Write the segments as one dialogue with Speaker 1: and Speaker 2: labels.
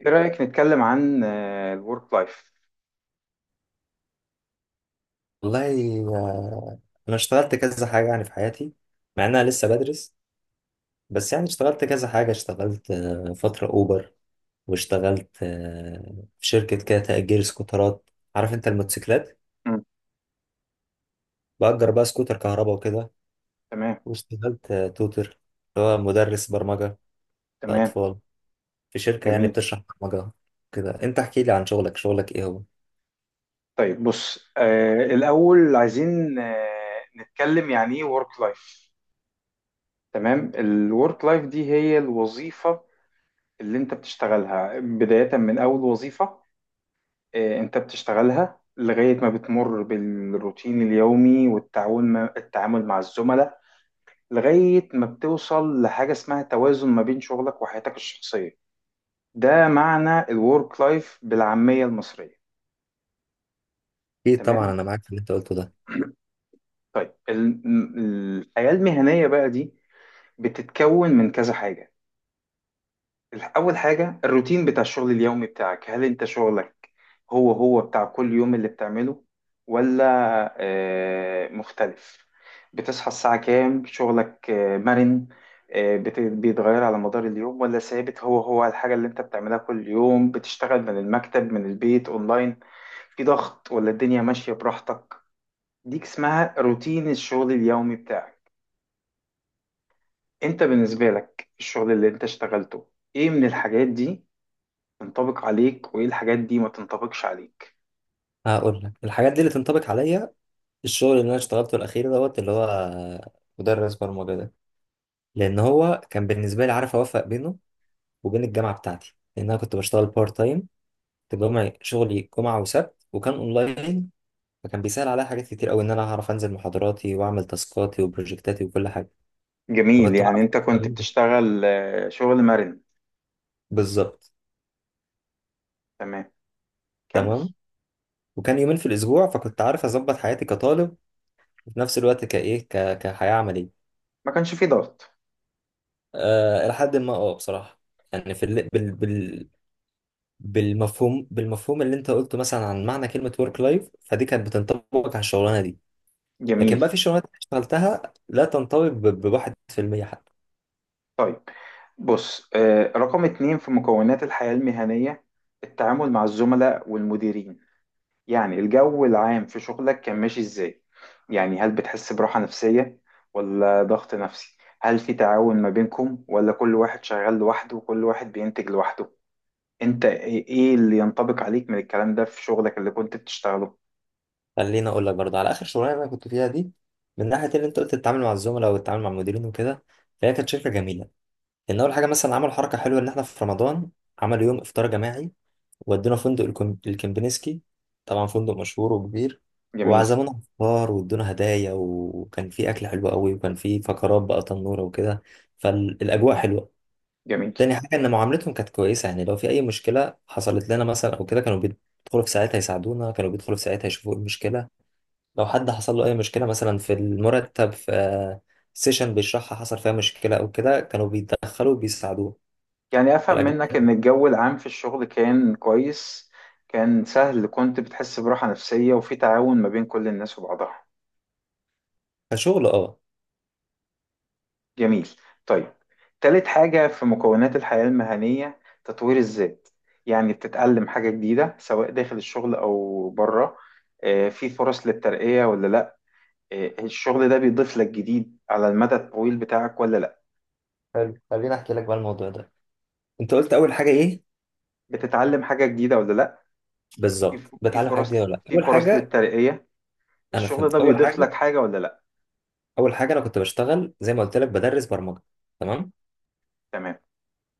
Speaker 1: ايه رأيك نتكلم عن الورك لايف؟
Speaker 2: والله آه، انا اشتغلت كذا حاجه يعني في حياتي، مع ان انا لسه بدرس. بس يعني اشتغلت كذا حاجه، اشتغلت فتره اوبر، واشتغلت في شركه كده تأجير سكوترات، عارف انت الموتوسيكلات، بأجر بقى سكوتر كهرباء وكده.
Speaker 1: تمام.
Speaker 2: واشتغلت توتر، اللي هو مدرس برمجه
Speaker 1: تمام.
Speaker 2: لأطفال، في شركه يعني
Speaker 1: جميل.
Speaker 2: بتشرح برمجه كده. انت احكي لي عن شغلك شغلك ايه هو؟
Speaker 1: طيب بص، الأول عايزين نتكلم يعني ايه ورك لايف. تمام، الورك لايف دي هي الوظيفة اللي انت بتشتغلها، بداية من أول وظيفة انت بتشتغلها لغاية ما بتمر بالروتين اليومي والتعاون التعامل مع الزملاء، لغاية ما بتوصل لحاجة اسمها توازن ما بين شغلك وحياتك الشخصية. ده معنى الورك لايف بالعامية المصرية.
Speaker 2: اكيد طبعا
Speaker 1: تمام.
Speaker 2: انا معاك في اللي انت قلته ده.
Speaker 1: طيب الحياة المهنية بقى دي بتتكون من كذا حاجة. أول حاجة، الروتين بتاع الشغل اليومي بتاعك. هل أنت شغلك هو هو بتاع كل يوم اللي بتعمله، ولا مختلف؟ بتصحى الساعة كام؟ شغلك مرن، بيتغير على مدار اليوم، ولا ثابت هو هو الحاجة اللي أنت بتعملها كل يوم؟ بتشتغل من المكتب، من البيت، أونلاين؟ في ضغط ولا الدنيا ماشية براحتك؟ ديك اسمها روتين الشغل اليومي بتاعك. انت بالنسبة لك الشغل اللي انت اشتغلته، ايه من الحاجات دي تنطبق عليك وايه الحاجات دي ما تنطبقش عليك؟
Speaker 2: هقول لك الحاجات دي اللي تنطبق عليا. الشغل اللي انا اشتغلته الاخير دوت، اللي هو مدرس برمجه ده، لان هو كان بالنسبه لي عارف اوفق بينه وبين الجامعه بتاعتي، لان انا كنت بشتغل بارت تايم، كنت بجمع شغلي جمعه وسبت وكان اونلاين. فكان بيسهل عليا حاجات كتير قوي، ان انا هعرف انزل محاضراتي واعمل تاسكاتي وبروجكتاتي وكل حاجه.
Speaker 1: جميل،
Speaker 2: فكنت
Speaker 1: يعني
Speaker 2: بعرف
Speaker 1: انت
Speaker 2: أوفق
Speaker 1: كنت
Speaker 2: بينهم.
Speaker 1: بتشتغل شغل مرن.
Speaker 2: بالظبط.
Speaker 1: تمام، كمل.
Speaker 2: تمام. وكان يومين في الاسبوع، فكنت عارف اظبط حياتي كطالب وفي نفس الوقت كحياه عمليه.
Speaker 1: ما كانش فيه ضغط؟
Speaker 2: لحد ما بصراحه يعني في ال... بال... بال... بالمفهوم بالمفهوم اللي انت قلته مثلا عن معنى كلمة ورك لايف، فدي كانت بتنطبق على الشغلانة دي. لكن
Speaker 1: جميل.
Speaker 2: بقى في شغلانات انا اشتغلتها لا تنطبق بواحد في المية حتى.
Speaker 1: طيب بص، رقم اتنين في مكونات الحياة المهنية، التعامل مع الزملاء والمديرين. يعني الجو العام في شغلك كان ماشي ازاي؟ يعني هل بتحس براحة نفسية ولا ضغط نفسي؟ هل في تعاون ما بينكم ولا كل واحد شغال لوحده وكل واحد بينتج لوحده؟ انت ايه، إيه اللي ينطبق عليك من الكلام ده في شغلك اللي كنت بتشتغله؟
Speaker 2: خليني اقول لك برضه على اخر شغلانة انا كنت فيها دي، من ناحية اللي انت قلت تتعامل مع الزملاء والتعامل مع المديرين وكده. فهي كانت شركة جميلة، لان اول حاجة مثلا عملوا حركة حلوة، ان احنا في رمضان عملوا يوم افطار جماعي، ودونا فندق الكمبنسكي، طبعا فندق مشهور وكبير،
Speaker 1: جميل.
Speaker 2: وعزمونا فطار وادونا هدايا، وكان في اكل حلو قوي، وكان في فقرات بقى تنوره وكده. فالاجواء حلوه.
Speaker 1: جميل،
Speaker 2: تاني حاجه ان معاملتهم كانت كويسه، يعني لو في اي مشكله حصلت لنا مثلا او كده كانوا بيدخلوا في ساعتها يساعدونا، كانوا بيدخلوا في ساعتها يشوفوا ايه المشكله. لو حد حصل له اي مشكله، مثلا في المرتب، في سيشن بيشرحها حصل فيها مشكله او كده، كانوا بيتدخلوا وبيساعدوه.
Speaker 1: يعني افهم
Speaker 2: فالاجواء
Speaker 1: منك ان الجو العام في الشغل كان كويس، كان سهل، كنت بتحس براحة نفسية وفي تعاون ما بين كل الناس وبعضها.
Speaker 2: كشغل اه.
Speaker 1: جميل. طيب، تالت حاجة في مكونات الحياة المهنية، تطوير الذات. يعني بتتعلم حاجة جديدة سواء داخل الشغل أو بره، في فرص للترقية ولا لأ، الشغل ده بيضيف لك جديد على المدى الطويل بتاعك ولا لأ؟
Speaker 2: حلو، خليني احكي لك بقى الموضوع ده. انت قلت اول حاجه ايه؟
Speaker 1: بتتعلم حاجة جديدة ولا لأ؟
Speaker 2: بالظبط.
Speaker 1: في
Speaker 2: بتعلم الحاجات
Speaker 1: فرص،
Speaker 2: دي ولا لا
Speaker 1: في
Speaker 2: اول
Speaker 1: فرص
Speaker 2: حاجه.
Speaker 1: للترقية،
Speaker 2: انا
Speaker 1: الشغل
Speaker 2: فهمت
Speaker 1: ده
Speaker 2: اول
Speaker 1: بيضيف
Speaker 2: حاجه.
Speaker 1: لك حاجة ولا لأ؟
Speaker 2: اول حاجه انا كنت بشتغل زي ما قلت لك بدرس برمجه، تمام؟
Speaker 1: تمام.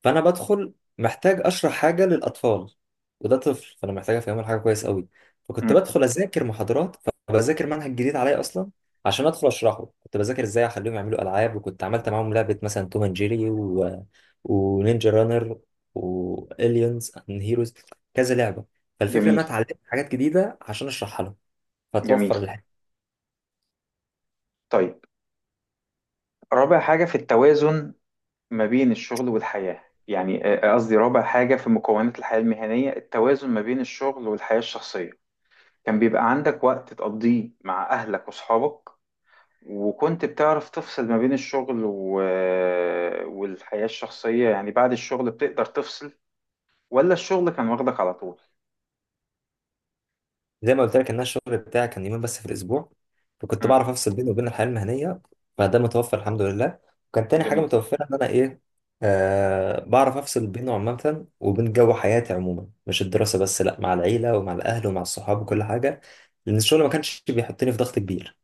Speaker 2: فانا بدخل محتاج اشرح حاجه للاطفال، وده طفل، فانا محتاج افهمه الحاجه كويس قوي. فكنت
Speaker 1: مم.
Speaker 2: بدخل اذاكر محاضرات، فبذاكر منهج جديد عليا اصلا عشان ادخل اشرحه. كنت بذاكر ازاي اخليهم يعملوا العاب، وكنت عملت معاهم لعبه مثلا توم اند جيري ونينجا رانر، واليونز اند هيروز، كذا لعبه. فالفكره ان انا
Speaker 1: جميل.
Speaker 2: اتعلمت حاجات جديده عشان اشرحها لهم.
Speaker 1: جميل.
Speaker 2: فتوفر.
Speaker 1: طيب رابع حاجة في التوازن ما بين الشغل والحياة. يعني قصدي رابع حاجة في مكونات الحياة المهنية، التوازن ما بين الشغل والحياة الشخصية. كان بيبقى عندك وقت تقضيه مع أهلك وأصحابك، وكنت بتعرف تفصل ما بين الشغل و... آه، والحياة الشخصية؟ يعني بعد الشغل بتقدر تفصل ولا الشغل كان واخدك على طول؟
Speaker 2: زي ما قلت لك ان أنا الشغل بتاعي كان يومين بس في الاسبوع، فكنت
Speaker 1: مم.
Speaker 2: بعرف افصل بيني وبين الحياه المهنيه. فده متوفر الحمد لله. وكان تاني حاجه
Speaker 1: جميل.
Speaker 2: متوفره، ان انا ايه، آه بعرف افصل بينه عامه وبين جو حياتي عموما، مش الدراسه بس لا، مع العيله ومع الاهل ومع الصحاب وكل حاجه. لان الشغل ما كانش بيحطني في ضغط كبير.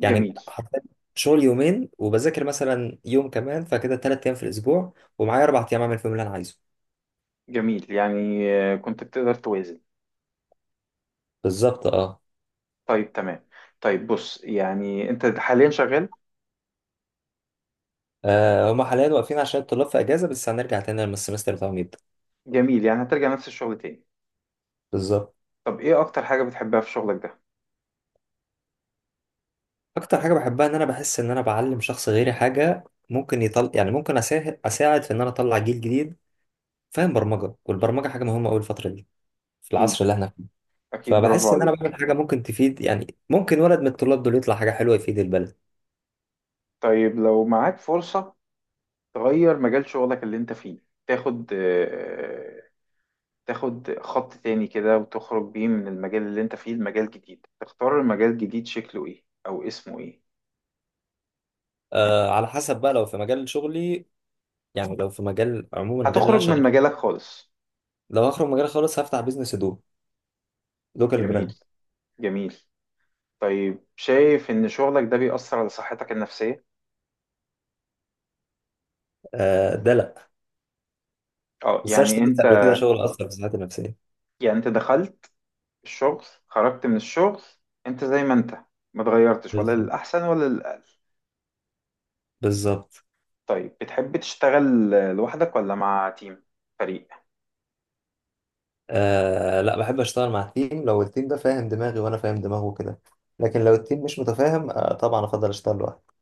Speaker 2: يعني حرفيا شغل يومين، وبذاكر مثلا يوم كمان، فكده ثلاث ايام في الاسبوع، ومعايا اربع ايام اعمل فيهم اللي انا عايزه.
Speaker 1: جميل، يعني كنت بتقدر توازن.
Speaker 2: بالظبط اه.
Speaker 1: طيب تمام. طيب بص، يعني انت حاليا شغال؟
Speaker 2: آه، هما حاليا واقفين عشان الطلاب في اجازه، بس هنرجع تاني لما السمستر بتاعهم يبدا.
Speaker 1: جميل، يعني هترجع نفس الشغل تاني.
Speaker 2: بالظبط.
Speaker 1: طب ايه اكتر حاجة بتحبها في شغلك ده؟
Speaker 2: اكتر حاجه بحبها ان انا بحس ان انا بعلم شخص غيري حاجه، ممكن يطل يعني ممكن اساعد في ان انا اطلع جيل جديد فاهم برمجه، والبرمجه حاجه مهمه قوي الفتره دي في
Speaker 1: اكيد.
Speaker 2: العصر اللي احنا فيه.
Speaker 1: اكيد، برافو
Speaker 2: فبحس ان انا بعمل
Speaker 1: عليك.
Speaker 2: حاجه ممكن تفيد، يعني ممكن ولد من الطلاب دول يطلع حاجه حلوه يفيد البلد.
Speaker 1: طيب، لو معاك فرصة تغير مجال شغلك اللي انت فيه، تاخد تاخد خط تاني كده وتخرج بيه من المجال اللي انت فيه لمجال جديد، تختار المجال الجديد شكله ايه او اسمه ايه؟
Speaker 2: آه على حسب بقى، لو في مجال شغلي، يعني لو في مجال عموما غير اللي انا
Speaker 1: هتخرج من
Speaker 2: شغال،
Speaker 1: مجالك خالص.
Speaker 2: لو هخرج مجال خالص هفتح بيزنس هدوم، لوكال
Speaker 1: جميل.
Speaker 2: براند.
Speaker 1: جميل. طيب، شايف ان شغلك ده بيأثر على صحتك النفسية؟
Speaker 2: آه ده لا،
Speaker 1: اه،
Speaker 2: بس انا
Speaker 1: يعني
Speaker 2: اشتغلت
Speaker 1: انت،
Speaker 2: قبل كده شغل اثر في صحتي النفسيه.
Speaker 1: يعني انت دخلت الشغل، خرجت من الشغل، انت زي ما انت، ما اتغيرتش ولا
Speaker 2: بالظبط،
Speaker 1: للأحسن ولا للأقل؟
Speaker 2: بالظبط.
Speaker 1: طيب، بتحب تشتغل لوحدك ولا مع تيم؟ فريق.
Speaker 2: آه لا بحب اشتغل مع التيم لو التيم ده فاهم دماغي وانا فاهم دماغه كده، لكن لو التيم مش متفاهم آه طبعا افضل اشتغل لوحدي.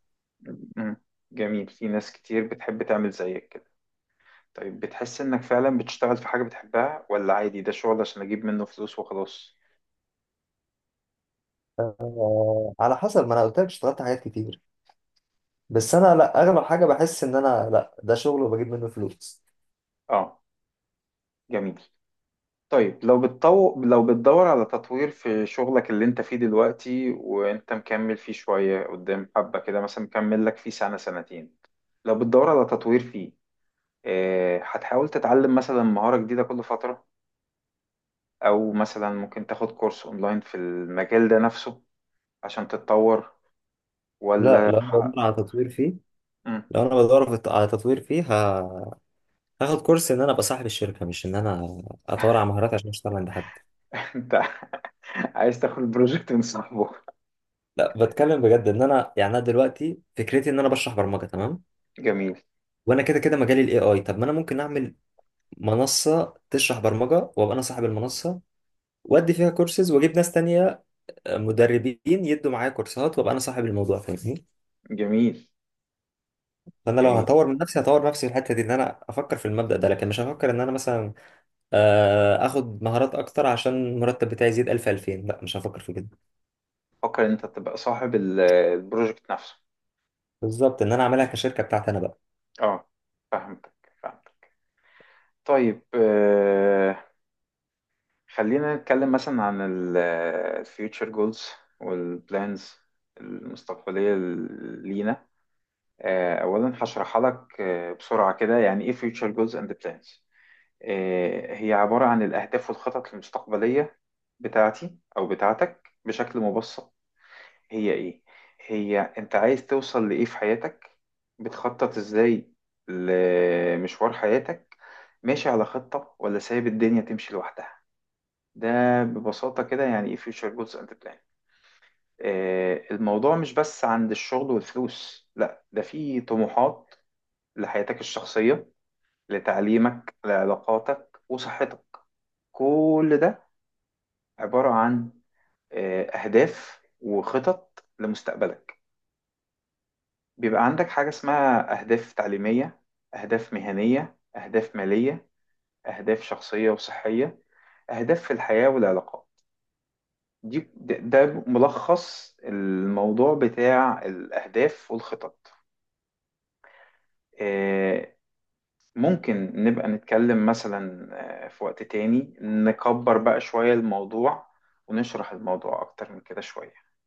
Speaker 1: مم. جميل. في ناس كتير بتحب تعمل زيك كده. طيب، بتحس انك فعلا بتشتغل في حاجة بتحبها، ولا عادي ده شغل عشان اجيب منه فلوس وخلاص؟
Speaker 2: آه على حسب، ما انا قلت لك اشتغلت حاجات كتير، بس انا لا اغلب حاجه بحس ان انا لا ده شغل وبجيب منه فلوس.
Speaker 1: اه. جميل. طيب، لو لو بتدور على تطوير في شغلك اللي انت فيه دلوقتي، وانت مكمل فيه شوية قدام، حبة كده مثلا مكمل لك فيه سنة سنتين، لو بتدور على تطوير فيه، هتحاول تتعلم مثلا مهارة جديدة كل فترة، او مثلا ممكن تاخد كورس اونلاين في المجال ده نفسه عشان تتطور،
Speaker 2: لا
Speaker 1: ولا
Speaker 2: لو انا بدور
Speaker 1: ح-
Speaker 2: على تطوير فيه،
Speaker 1: مم.
Speaker 2: لو انا بدور في- على تطوير فيه ه- هاخد كورس ان انا ابقى صاحب الشركه، مش ان انا اتطور على مهارات عشان اشتغل عند حد.
Speaker 1: انت عايز تاخد بروجكت من صاحبه؟
Speaker 2: لا بتكلم بجد، ان انا يعني انا دلوقتي فكرتي ان انا بشرح برمجه تمام،
Speaker 1: جميل.
Speaker 2: وانا كده كده مجالي الاي اي، طب ما انا ممكن اعمل منصة تشرح برمجة وابقى انا صاحب المنصة، وادي فيها كورسز واجيب ناس تانية، مدربين يدوا معايا كورسات، وابقى انا صاحب الموضوع، فاهمني؟
Speaker 1: جميل.
Speaker 2: فانا لو
Speaker 1: جميل.
Speaker 2: هطور من نفسي هطور نفسي في الحتة دي، ان انا افكر في المبدأ ده، لكن مش هفكر ان انا مثلا اخد مهارات اكتر عشان المرتب بتاعي يزيد 1000 2000، لا مش هفكر في كده.
Speaker 1: فكر ان انت تبقى صاحب البروجكت نفسه.
Speaker 2: بالظبط ان انا اعملها كشركة بتاعتي انا بقى.
Speaker 1: اه، فهمتك. فهمتك. طيب آه، خلينا نتكلم مثلا عن الفيوتشر جولز والبلانز المستقبلية لينا. اولا هشرحها لك بسرعة كده، يعني ايه future goals and plans. هي عبارة عن الأهداف والخطط المستقبلية بتاعتي أو بتاعتك. بشكل مبسط، هي إيه؟ هي أنت عايز توصل لإيه في حياتك؟ بتخطط إزاي لمشوار حياتك؟ ماشي على خطة ولا سايب الدنيا تمشي لوحدها؟ ده ببساطة كده يعني إيه future goals and plan. الموضوع مش بس عند الشغل والفلوس، لا ده فيه طموحات لحياتك الشخصية، لتعليمك، لعلاقاتك وصحتك. كل ده عبارة عن أهداف وخطط لمستقبلك. بيبقى عندك حاجة اسمها أهداف تعليمية، أهداف مهنية، أهداف مالية، أهداف شخصية وصحية، أهداف في الحياة والعلاقات. دي ده ده ملخص الموضوع بتاع الأهداف والخطط. آه، ممكن نبقى نتكلم مثلا في وقت تاني، نكبر بقى شوية الموضوع ونشرح الموضوع أكتر من كده شوية.